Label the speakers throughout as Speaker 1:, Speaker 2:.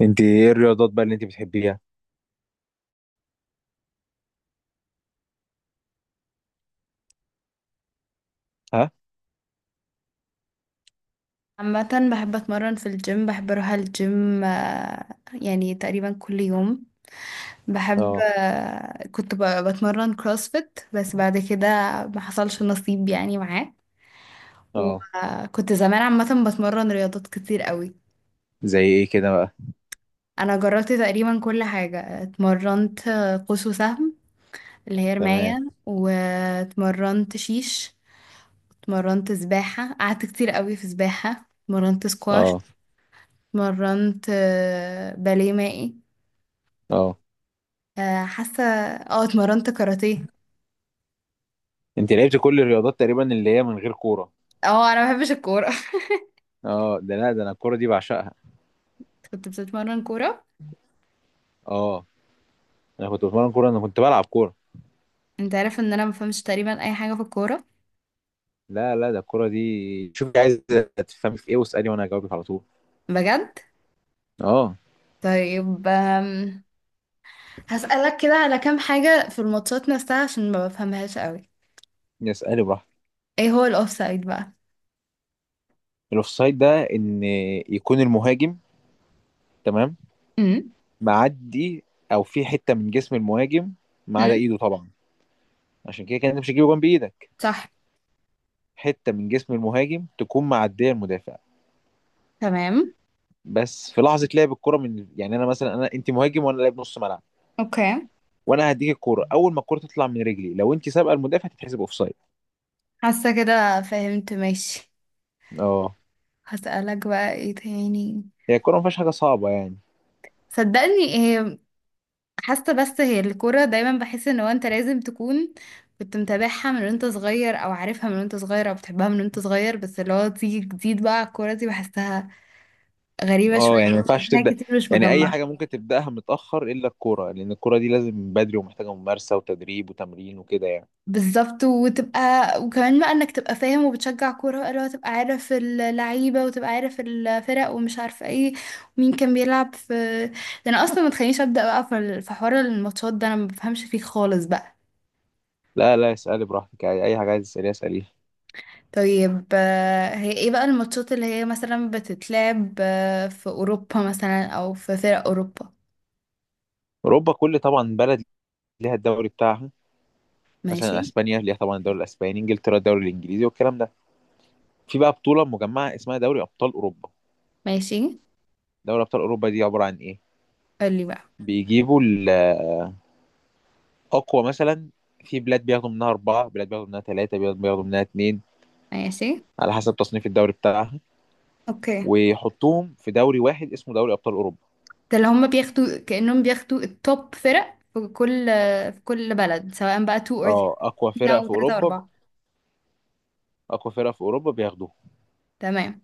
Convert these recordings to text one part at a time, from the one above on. Speaker 1: انت ايه الرياضات بقى اللي انت بتحبيها؟ ها.
Speaker 2: عامة بحب أتمرن في الجيم، بحب أروح الجيم. يعني تقريبا كل يوم. بحب
Speaker 1: اه.
Speaker 2: كنت بتمرن كروسفيت، بس بعد كده ما حصلش نصيب يعني معاه.
Speaker 1: اه.
Speaker 2: وكنت زمان عامة بتمرن رياضات كتير قوي.
Speaker 1: زي ايه كده بقى؟
Speaker 2: أنا جربت تقريبا كل حاجة، اتمرنت قوس وسهم اللي هي
Speaker 1: تمام.
Speaker 2: رماية. واتمرنت شيش، اتمرنت سباحة، قعدت كتير قوي في سباحة، اتمرنت سكواش،
Speaker 1: اه.
Speaker 2: اتمرنت باليه مائي،
Speaker 1: اه.
Speaker 2: حاسه اتمرنت كاراتيه.
Speaker 1: انت لعبت كل الرياضات تقريبا اللي هي من غير كوره.
Speaker 2: اه، انا ما بحبش الكوره.
Speaker 1: اه، ده لا ده انا الكوره دي بعشقها.
Speaker 2: كنت بتتمرن كوره؟
Speaker 1: اه. انا كنت بتمرن كوره، انا كنت بلعب كوره.
Speaker 2: انت عارف ان انا ما بفهمش تقريبا اي حاجه في الكوره؟
Speaker 1: لا لا، ده الكوره دي شوفي، عايز تفهمي في ايه واسالي وانا هجاوبك على طول.
Speaker 2: بجد.
Speaker 1: اه.
Speaker 2: طيب، هسألك كده على كام حاجه في الماتشات نفسها عشان ما بفهمهاش قوي.
Speaker 1: اسالي براحتك.
Speaker 2: ايه هو الاوفسايد بقى؟
Speaker 1: الاوفسايد ده ان يكون المهاجم، تمام،
Speaker 2: امم.
Speaker 1: معدي، او في حته من جسم المهاجم، ما عدا
Speaker 2: امم.
Speaker 1: ايده طبعا. عشان كده كان انت مش هيجيبوا جنب ايدك.
Speaker 2: صح.
Speaker 1: حته من جسم المهاجم تكون معديه المدافع.
Speaker 2: تمام.
Speaker 1: بس في لحظه لعب الكره من، يعني انا مثلا، انا انت مهاجم وانا لاعب نص ملعب،
Speaker 2: اوكي.
Speaker 1: وانا هديك الكوره. اول ما الكوره تطلع من رجلي لو انت سابقه المدافع تتحسب اوفسايد.
Speaker 2: حاسه كده فهمت، ماشي.
Speaker 1: اه.
Speaker 2: هسألك بقى ايه تاني؟
Speaker 1: هي الكوره ما فيهاش حاجه صعبه يعني.
Speaker 2: صدقني ايه. حاسه بس هي الكوره دايما بحس ان هو انت لازم تكون كنت متابعها من وانت صغير، او عارفها من وانت صغير، او بتحبها من وانت صغير، بس اللي هو تيجي جديد بقى على الكوره دي بحسها غريبه
Speaker 1: اه
Speaker 2: شويه،
Speaker 1: يعني ما ينفعش
Speaker 2: بحسها
Speaker 1: تبدا،
Speaker 2: كتير مش
Speaker 1: يعني اي
Speaker 2: مجمعه.
Speaker 1: حاجه ممكن تبداها متاخر الا الكوره، لان الكوره دي لازم من بدري ومحتاجه ممارسه وتدريب وتمرين وكده يعني.
Speaker 2: بالظبط، وتبقى وكمان بقى انك تبقى فاهم وبتشجع كوره بقى، اللي هو تبقى عارف اللعيبه وتبقى عارف الفرق ومش عارفه ايه، مين كان بيلعب في. ده انا اصلا ما تخلينيش ابدا بقى في حوار الماتشات. ده انا ما بفهمش فيه خالص بقى.
Speaker 1: لا لا، اسالي براحتك عادي. اي حاجه عايز تساليها اساليها.
Speaker 2: طيب، هي ايه بقى الماتشات اللي هي مثلا بتتلعب في اوروبا مثلا، او في فرق اوروبا؟
Speaker 1: اوروبا كل طبعا بلد ليها الدوري بتاعها.
Speaker 2: ماشي.
Speaker 1: مثلا اسبانيا ليها طبعا الدوري الاسباني، انجلترا الدوري الانجليزي والكلام ده. في بقى بطولة مجمعة اسمها دوري أبطال أوروبا.
Speaker 2: ماشي.
Speaker 1: دوري أبطال أوروبا دي عبارة عن إيه؟
Speaker 2: قولي بقى.
Speaker 1: بيجيبوا الأقوى. مثلا في بلاد بياخدوا منها أربعة، بلاد بياخدوا منها ثلاثة، بلاد بياخدوا منها اتنين،
Speaker 2: ماشي،
Speaker 1: على حسب تصنيف الدوري بتاعها،
Speaker 2: اوكي.
Speaker 1: ويحطوهم في دوري واحد اسمه دوري أبطال أوروبا.
Speaker 2: ده اللي هم بياخدوا، كأنهم بياخدوا التوب فرق في كل بلد، سواء بقى 2 or
Speaker 1: اه، أقوى
Speaker 2: 3
Speaker 1: فرق
Speaker 2: او
Speaker 1: في
Speaker 2: 3 او
Speaker 1: أوروبا.
Speaker 2: 4.
Speaker 1: أقوى فرق في أوروبا بياخدوهم
Speaker 2: تمام.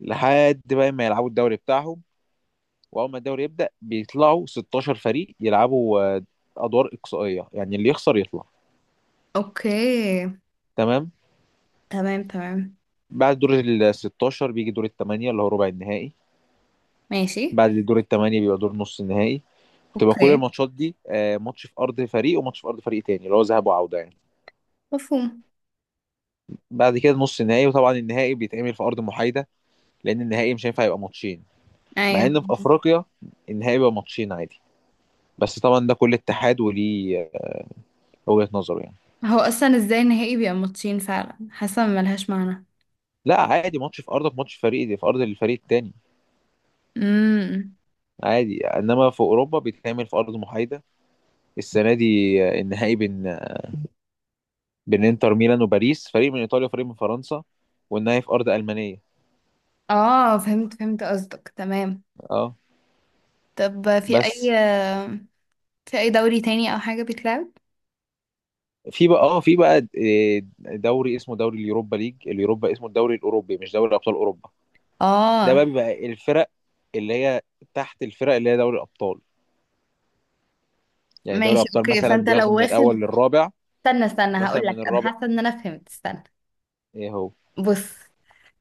Speaker 1: لحد بقى ما يلعبوا الدوري بتاعهم. وأول ما الدوري يبدأ بيطلعوا 16 فريق يلعبوا أدوار إقصائية، يعني اللي يخسر يطلع.
Speaker 2: اوكي.
Speaker 1: تمام.
Speaker 2: تمام، تمام،
Speaker 1: بعد دور ال 16 بيجي دور الثمانية، اللي هو ربع النهائي.
Speaker 2: ماشي،
Speaker 1: بعد الدور الثمانية بيبقى دور نص النهائي. بتبقى كل
Speaker 2: اوكي.
Speaker 1: الماتشات دي ماتش في ارض فريق وماتش في ارض فريق تاني، اللي هو ذهاب وعودة يعني.
Speaker 2: مفهوم.
Speaker 1: بعد كده نص النهائي، وطبعا النهائي بيتعمل في ارض محايدة، لان النهائي مش هينفع يبقى ماتشين. مع
Speaker 2: ايوه.
Speaker 1: ان في افريقيا النهائي بيبقى ماتشين عادي، بس طبعا ده كل اتحاد وليه وجهة نظره يعني.
Speaker 2: هو اصلا ازاي النهائي بيبقى ماتشين؟ فعلا حاسه ملهاش معنى.
Speaker 1: لا عادي، ماتش في ارضك ماتش في فريق دي في ارض الفريق التاني،
Speaker 2: امم.
Speaker 1: عادي. انما في اوروبا بيتعمل في ارض محايده. السنه دي النهائي بين بين انتر ميلان وباريس، فريق من ايطاليا وفريق من فرنسا، والنهائي في ارض المانيه.
Speaker 2: اه، فهمت، فهمت قصدك، تمام.
Speaker 1: اه.
Speaker 2: طب في اي،
Speaker 1: بس
Speaker 2: في اي دوري تاني او حاجة بيتلعب؟
Speaker 1: في بقى دوري اسمه دوري اليوروبا ليج، اليوروبا اسمه الدوري الاوروبي، مش دوري ابطال اوروبا. ده بقى
Speaker 2: اه.
Speaker 1: بيبقى الفرق اللي هي تحت الفرق اللي هي دوري الابطال. يعني دوري
Speaker 2: ماشي،
Speaker 1: الابطال
Speaker 2: اوكي.
Speaker 1: مثلا
Speaker 2: فانت
Speaker 1: بياخدوا
Speaker 2: لو
Speaker 1: من
Speaker 2: واخد،
Speaker 1: الاول للرابع،
Speaker 2: استنى، استنى، هقول
Speaker 1: ومثلا
Speaker 2: لك،
Speaker 1: من
Speaker 2: انا
Speaker 1: الرابع.
Speaker 2: حاسة ان انا فهمت. استنى.
Speaker 1: ايه هو
Speaker 2: بص،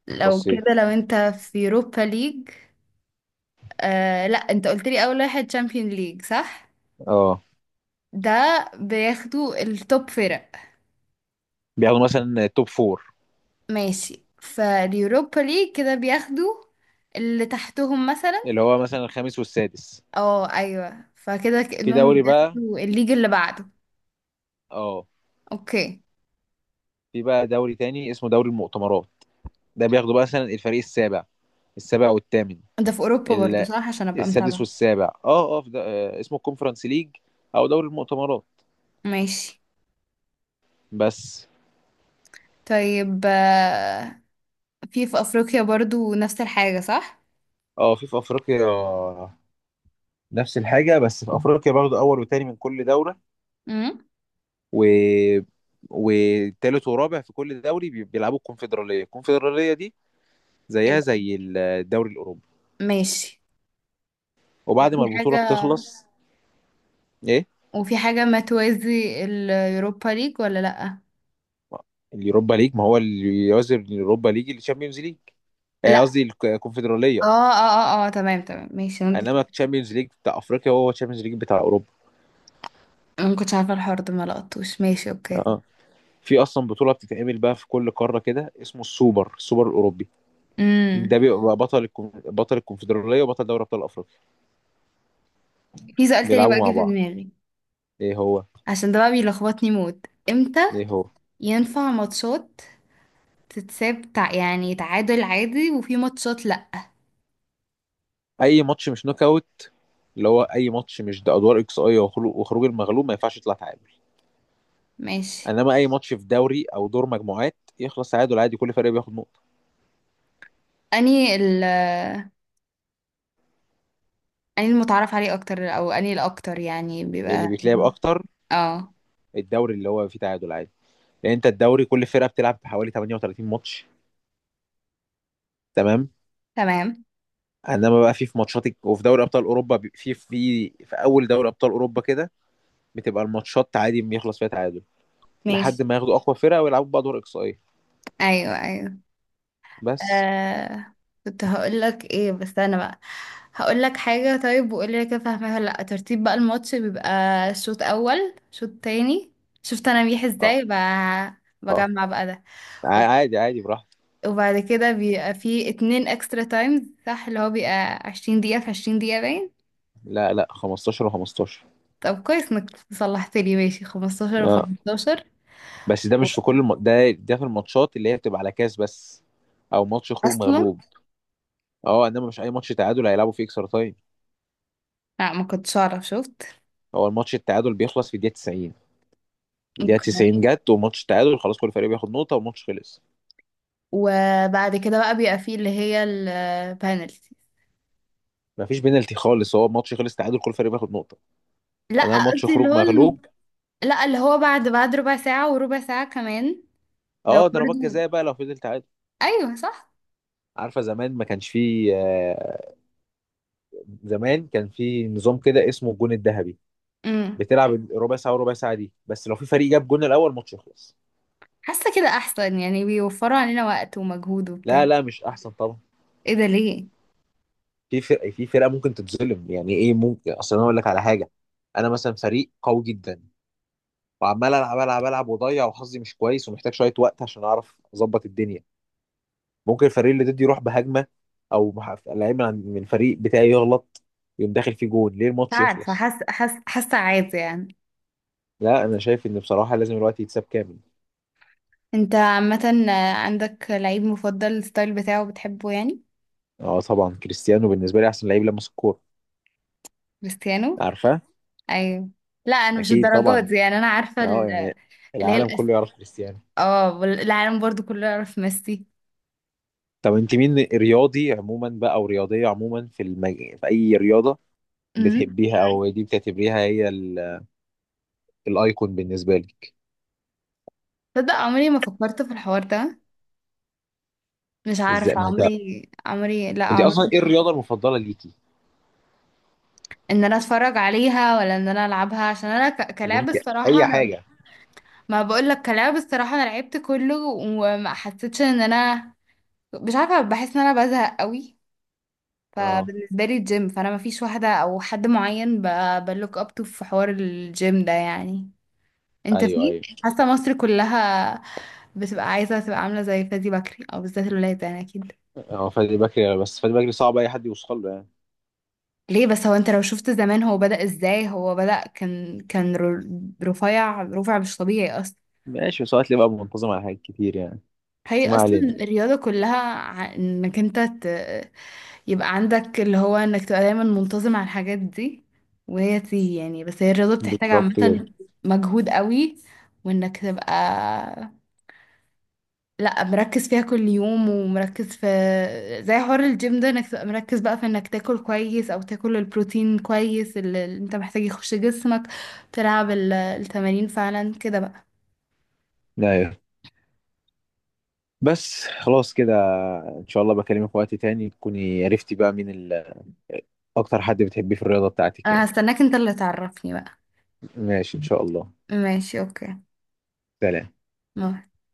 Speaker 2: لو
Speaker 1: بصيت.
Speaker 2: كده، لو انت في يوروبا ليج. لا، انت قلت لي اول واحد تشامبيون ليج، صح؟
Speaker 1: اه،
Speaker 2: ده بياخدوا التوب فرق.
Speaker 1: بياخدوا مثلا توب فور،
Speaker 2: ماشي، فاليوروبا ليج كده بياخدوا اللي تحتهم مثلا.
Speaker 1: اللي هو مثلا الخامس والسادس.
Speaker 2: اه، ايوه، فكده
Speaker 1: في
Speaker 2: كأنهم
Speaker 1: دوري بقى،
Speaker 2: بياخدوا الليج اللي بعده.
Speaker 1: اه،
Speaker 2: اوكي.
Speaker 1: في بقى دوري تاني اسمه دوري المؤتمرات. ده بياخدوا بقى مثلا الفريق السابع، السابع والثامن،
Speaker 2: ده في اوروبا برضو، صح؟ عشان ابقى
Speaker 1: السادس
Speaker 2: متابعة.
Speaker 1: والسابع. اه اه، في ده آه، اسمه الكونفرنس ليج او دوري المؤتمرات.
Speaker 2: ماشي.
Speaker 1: بس.
Speaker 2: طيب، في افريقيا برضو نفس الحاجة، صح؟
Speaker 1: اه، في افريقيا نفس الحاجه، بس في افريقيا برضه اول وتاني من كل دوره،
Speaker 2: امم.
Speaker 1: و وتالت ورابع في كل دوري بيلعبوا الكونفدراليه. الكونفدراليه دي
Speaker 2: إيه
Speaker 1: زيها
Speaker 2: بقى؟
Speaker 1: زي الدوري الاوروبي.
Speaker 2: ماشي.
Speaker 1: وبعد
Speaker 2: وفي
Speaker 1: ما البطوله
Speaker 2: حاجة
Speaker 1: بتخلص. ايه؟
Speaker 2: وفي حاجة ما توازي اليوروبا ليج ولا لأ؟
Speaker 1: اليوروبا ليج ما هو اللي يعزل اليوروبا ليج الشامبيونز ليج.
Speaker 2: لا.
Speaker 1: قصدي
Speaker 2: اه،
Speaker 1: الكونفدراليه.
Speaker 2: اه. اه، اه، تمام، تمام، ماشي، انا.
Speaker 1: انما الشامبيونز ليج بتاع افريقيا هو الشامبيونز ليج بتاع اوروبا.
Speaker 2: أنا ما كنتش عارفة الحوار ده، ما لقطوش. ماشي،
Speaker 1: اه.
Speaker 2: اوكي.
Speaker 1: آه. في اصلا بطوله بتتعمل بقى في كل قاره كده، اسمه السوبر، السوبر الاوروبي.
Speaker 2: امم.
Speaker 1: ده بيبقى بطل بطل الكونفدراليه وبطل دوري ابطال افريقيا
Speaker 2: في سؤال تاني
Speaker 1: بيلعبوا
Speaker 2: بقى جه
Speaker 1: مع
Speaker 2: في
Speaker 1: بعض.
Speaker 2: دماغي.
Speaker 1: ايه هو؟
Speaker 2: عشان ده بقى بيلخبطني موت. امتى
Speaker 1: ايه هو؟
Speaker 2: ينفع ماتشات تتساب يعني تعادل عادي، وفي ماتشات لا؟
Speaker 1: اي ماتش مش نوك اوت، اللي هو اي ماتش مش ده، ادوار اكس اي وخروج المغلوب، ما ينفعش يطلع تعادل.
Speaker 2: ماشي.
Speaker 1: انما اي ماتش في دوري او دور مجموعات يخلص تعادل عادي، كل فريق بياخد نقطه.
Speaker 2: اني ال اني المتعارف عليه اكتر، او اني الاكتر يعني
Speaker 1: اللي
Speaker 2: بيبقى
Speaker 1: بيتلعب
Speaker 2: مهم.
Speaker 1: اكتر
Speaker 2: اه.
Speaker 1: الدوري، اللي هو فيه تعادل عادي، لان انت الدوري كل فرقه بتلعب حوالي 38 ماتش. تمام.
Speaker 2: تمام.
Speaker 1: انما بقى في وفي دوري ابطال اوروبا في اول دوري ابطال اوروبا كده بتبقى الماتشات عادي بيخلص فيها تعادل،
Speaker 2: ماشي.
Speaker 1: لحد ما ياخدوا اقوى فرقه ويلعبوا بقى دور اقصائي.
Speaker 2: ايوه، ايوه.
Speaker 1: بس.
Speaker 2: آه... كنت هقول لك ايه بس انا بقى. هقول لك حاجه، طيب، وقول لي كده فاهمها ولا لا. ترتيب بقى الماتش بيبقى شوط اول شوط تاني. شفت انا بيح
Speaker 1: اه.
Speaker 2: ازاي
Speaker 1: اه.
Speaker 2: بجمع بقى ده. وب-
Speaker 1: عادي عادي براحتك.
Speaker 2: وبعد كده بيبقى فيه اتنين اكسترا تايمز، صح؟ اللي هو بيبقى 20 دقيقه في 20 دقيقه باين.
Speaker 1: لا لا، 15 و15.
Speaker 2: طب كويس انك صلحت لي، ماشي، 15
Speaker 1: اه.
Speaker 2: و15.
Speaker 1: بس ده مش في ده ده في الماتشات اللي هي بتبقى على كاس بس، او ماتش خروج
Speaker 2: اصلا.
Speaker 1: مغلوب. اه، انما مش اي ماتش تعادل هيلعبوا فيه اكسترا تايم.
Speaker 2: لا، ما كنتش اعرف، شفت.
Speaker 1: هو الماتش التعادل بيخلص في الدقيقه 90. الدقيقه
Speaker 2: اوكي.
Speaker 1: 90 جت وماتش التعادل، خلاص كل فريق بياخد نقطه والماتش خلص.
Speaker 2: وبعد كده بقى بيبقى فيه اللي هي البانلتي.
Speaker 1: ما فيش بينالتي خالص، هو الماتش خلص تعادل، كل فريق بياخد نقطه.
Speaker 2: لا،
Speaker 1: انا ماتش
Speaker 2: قصدي اللي
Speaker 1: خروج
Speaker 2: هو
Speaker 1: مغلوب.
Speaker 2: لا، اللي هو بعد ربع ساعة وربع ساعة كمان، لو
Speaker 1: اه، ضربات
Speaker 2: برضه.
Speaker 1: جزاء بقى لو فضل تعادل.
Speaker 2: ايوه، صح.
Speaker 1: عارفه، زمان ما كانش فيه زمان كان فيه نظام كده اسمه الجون الذهبي.
Speaker 2: امم.
Speaker 1: بتلعب ربع ساعه وربع ساعه دي، بس لو في فريق جاب جون الاول ماتش يخلص.
Speaker 2: حاسة كده احسن، يعني بيوفروا علينا وقت ومجهود
Speaker 1: لا
Speaker 2: وبتاع.
Speaker 1: لا، مش احسن طبعا.
Speaker 2: ايه ده؟ ليه؟
Speaker 1: في فرق، في فرقه ممكن تتظلم. يعني ايه ممكن، اصل انا اقول لك على حاجه. انا مثلا فريق قوي جدا، وعمال العب العب العب واضيع، وحظي مش كويس، ومحتاج شويه وقت عشان اعرف اظبط الدنيا. ممكن الفريق اللي ضدي يروح بهجمه، او لعيب من الفريق بتاعي يغلط، يقوم داخل فيه جول، ليه
Speaker 2: مش
Speaker 1: الماتش
Speaker 2: عارفة،
Speaker 1: يخلص؟
Speaker 2: حاسة عادي يعني.
Speaker 1: لا انا شايف ان بصراحه لازم الوقت يتساب كامل.
Speaker 2: انت عامة عندك لعيب مفضل الستايل بتاعه بتحبه يعني؟
Speaker 1: اه طبعا، كريستيانو بالنسبه لي احسن لعيب لمس الكوره.
Speaker 2: كريستيانو.
Speaker 1: عارفه؟
Speaker 2: ايوه. لا، انا مش
Speaker 1: اكيد
Speaker 2: الدرجات
Speaker 1: طبعا.
Speaker 2: دي يعني، انا عارفه
Speaker 1: اه يعني
Speaker 2: اللي هي
Speaker 1: العالم كله يعرف كريستيانو.
Speaker 2: اه، العالم برضو كله يعرف ميسي.
Speaker 1: طب انت مين رياضي عموما بقى، او رياضيه عموما، في في اي رياضه
Speaker 2: امم.
Speaker 1: بتحبيها، او دي بتعتبريها هي الايكون بالنسبه لك؟
Speaker 2: تصدق عمري ما فكرت في الحوار ده. مش
Speaker 1: ازاي
Speaker 2: عارفه،
Speaker 1: ما انت،
Speaker 2: عمري، عمري، لا،
Speaker 1: انت اصلا
Speaker 2: عمري.
Speaker 1: ايه الرياضه المفضله ليكي؟
Speaker 2: ان انا اتفرج عليها ولا ان انا العبها؟ عشان انا
Speaker 1: اللي
Speaker 2: كلعب
Speaker 1: انت،
Speaker 2: الصراحه
Speaker 1: اي
Speaker 2: انا.
Speaker 1: حاجه.
Speaker 2: ما بقول لك، كلعب الصراحه، انا لعبت كله وما حسيتش ان انا، مش عارفه، بحس ان انا بزهق قوي.
Speaker 1: اه.
Speaker 2: فبالنسبه لي الجيم، فانا ما فيش واحده او حد معين بلوك اب تو في حوار الجيم ده يعني. انت
Speaker 1: ايوه
Speaker 2: في،
Speaker 1: ايوه.
Speaker 2: حاسه مصر كلها بتبقى عايزه تبقى عامله زي فادي بكري، او بالذات الولاد يعني، اكيد.
Speaker 1: اه، فادي بكري، بس فادي بكري صعب اي حد يوصل له يعني.
Speaker 2: ليه بس؟ هو انت لو شفت زمان هو بدأ ازاي، هو بدأ كان رفيع، رفع مش طبيعي اصلا.
Speaker 1: ماشي، بس هو هتلاقيه بقى منتظم على حاجات كتير يعني. بس
Speaker 2: هي
Speaker 1: ما
Speaker 2: اصلا
Speaker 1: علينا.
Speaker 2: الرياضه كلها انك انت يبقى عندك اللي هو انك تبقى دايما منتظم على الحاجات دي، وهي تيجي يعني، بس هي الرياضه بتحتاج
Speaker 1: بالظبط كده.
Speaker 2: عامه مجهود قوي، وانك تبقى لا مركز فيها كل يوم، ومركز في، زي حوار الجيم ده، انك تبقى مركز بقى في انك تاكل كويس، او تاكل البروتين كويس، اللي انت محتاج يخش جسمك، تلعب التمارين فعلا كده بقى.
Speaker 1: ايوه. بس خلاص كده، ان شاء الله بكلمك في وقت تاني تكوني عرفتي بقى مين اكتر حد بتحبيه في الرياضة بتاعتك
Speaker 2: انا
Speaker 1: يعني.
Speaker 2: هستناك انت اللي تعرفني بقى.
Speaker 1: ماشي ان شاء الله.
Speaker 2: ماشي، اوكي.
Speaker 1: سلام.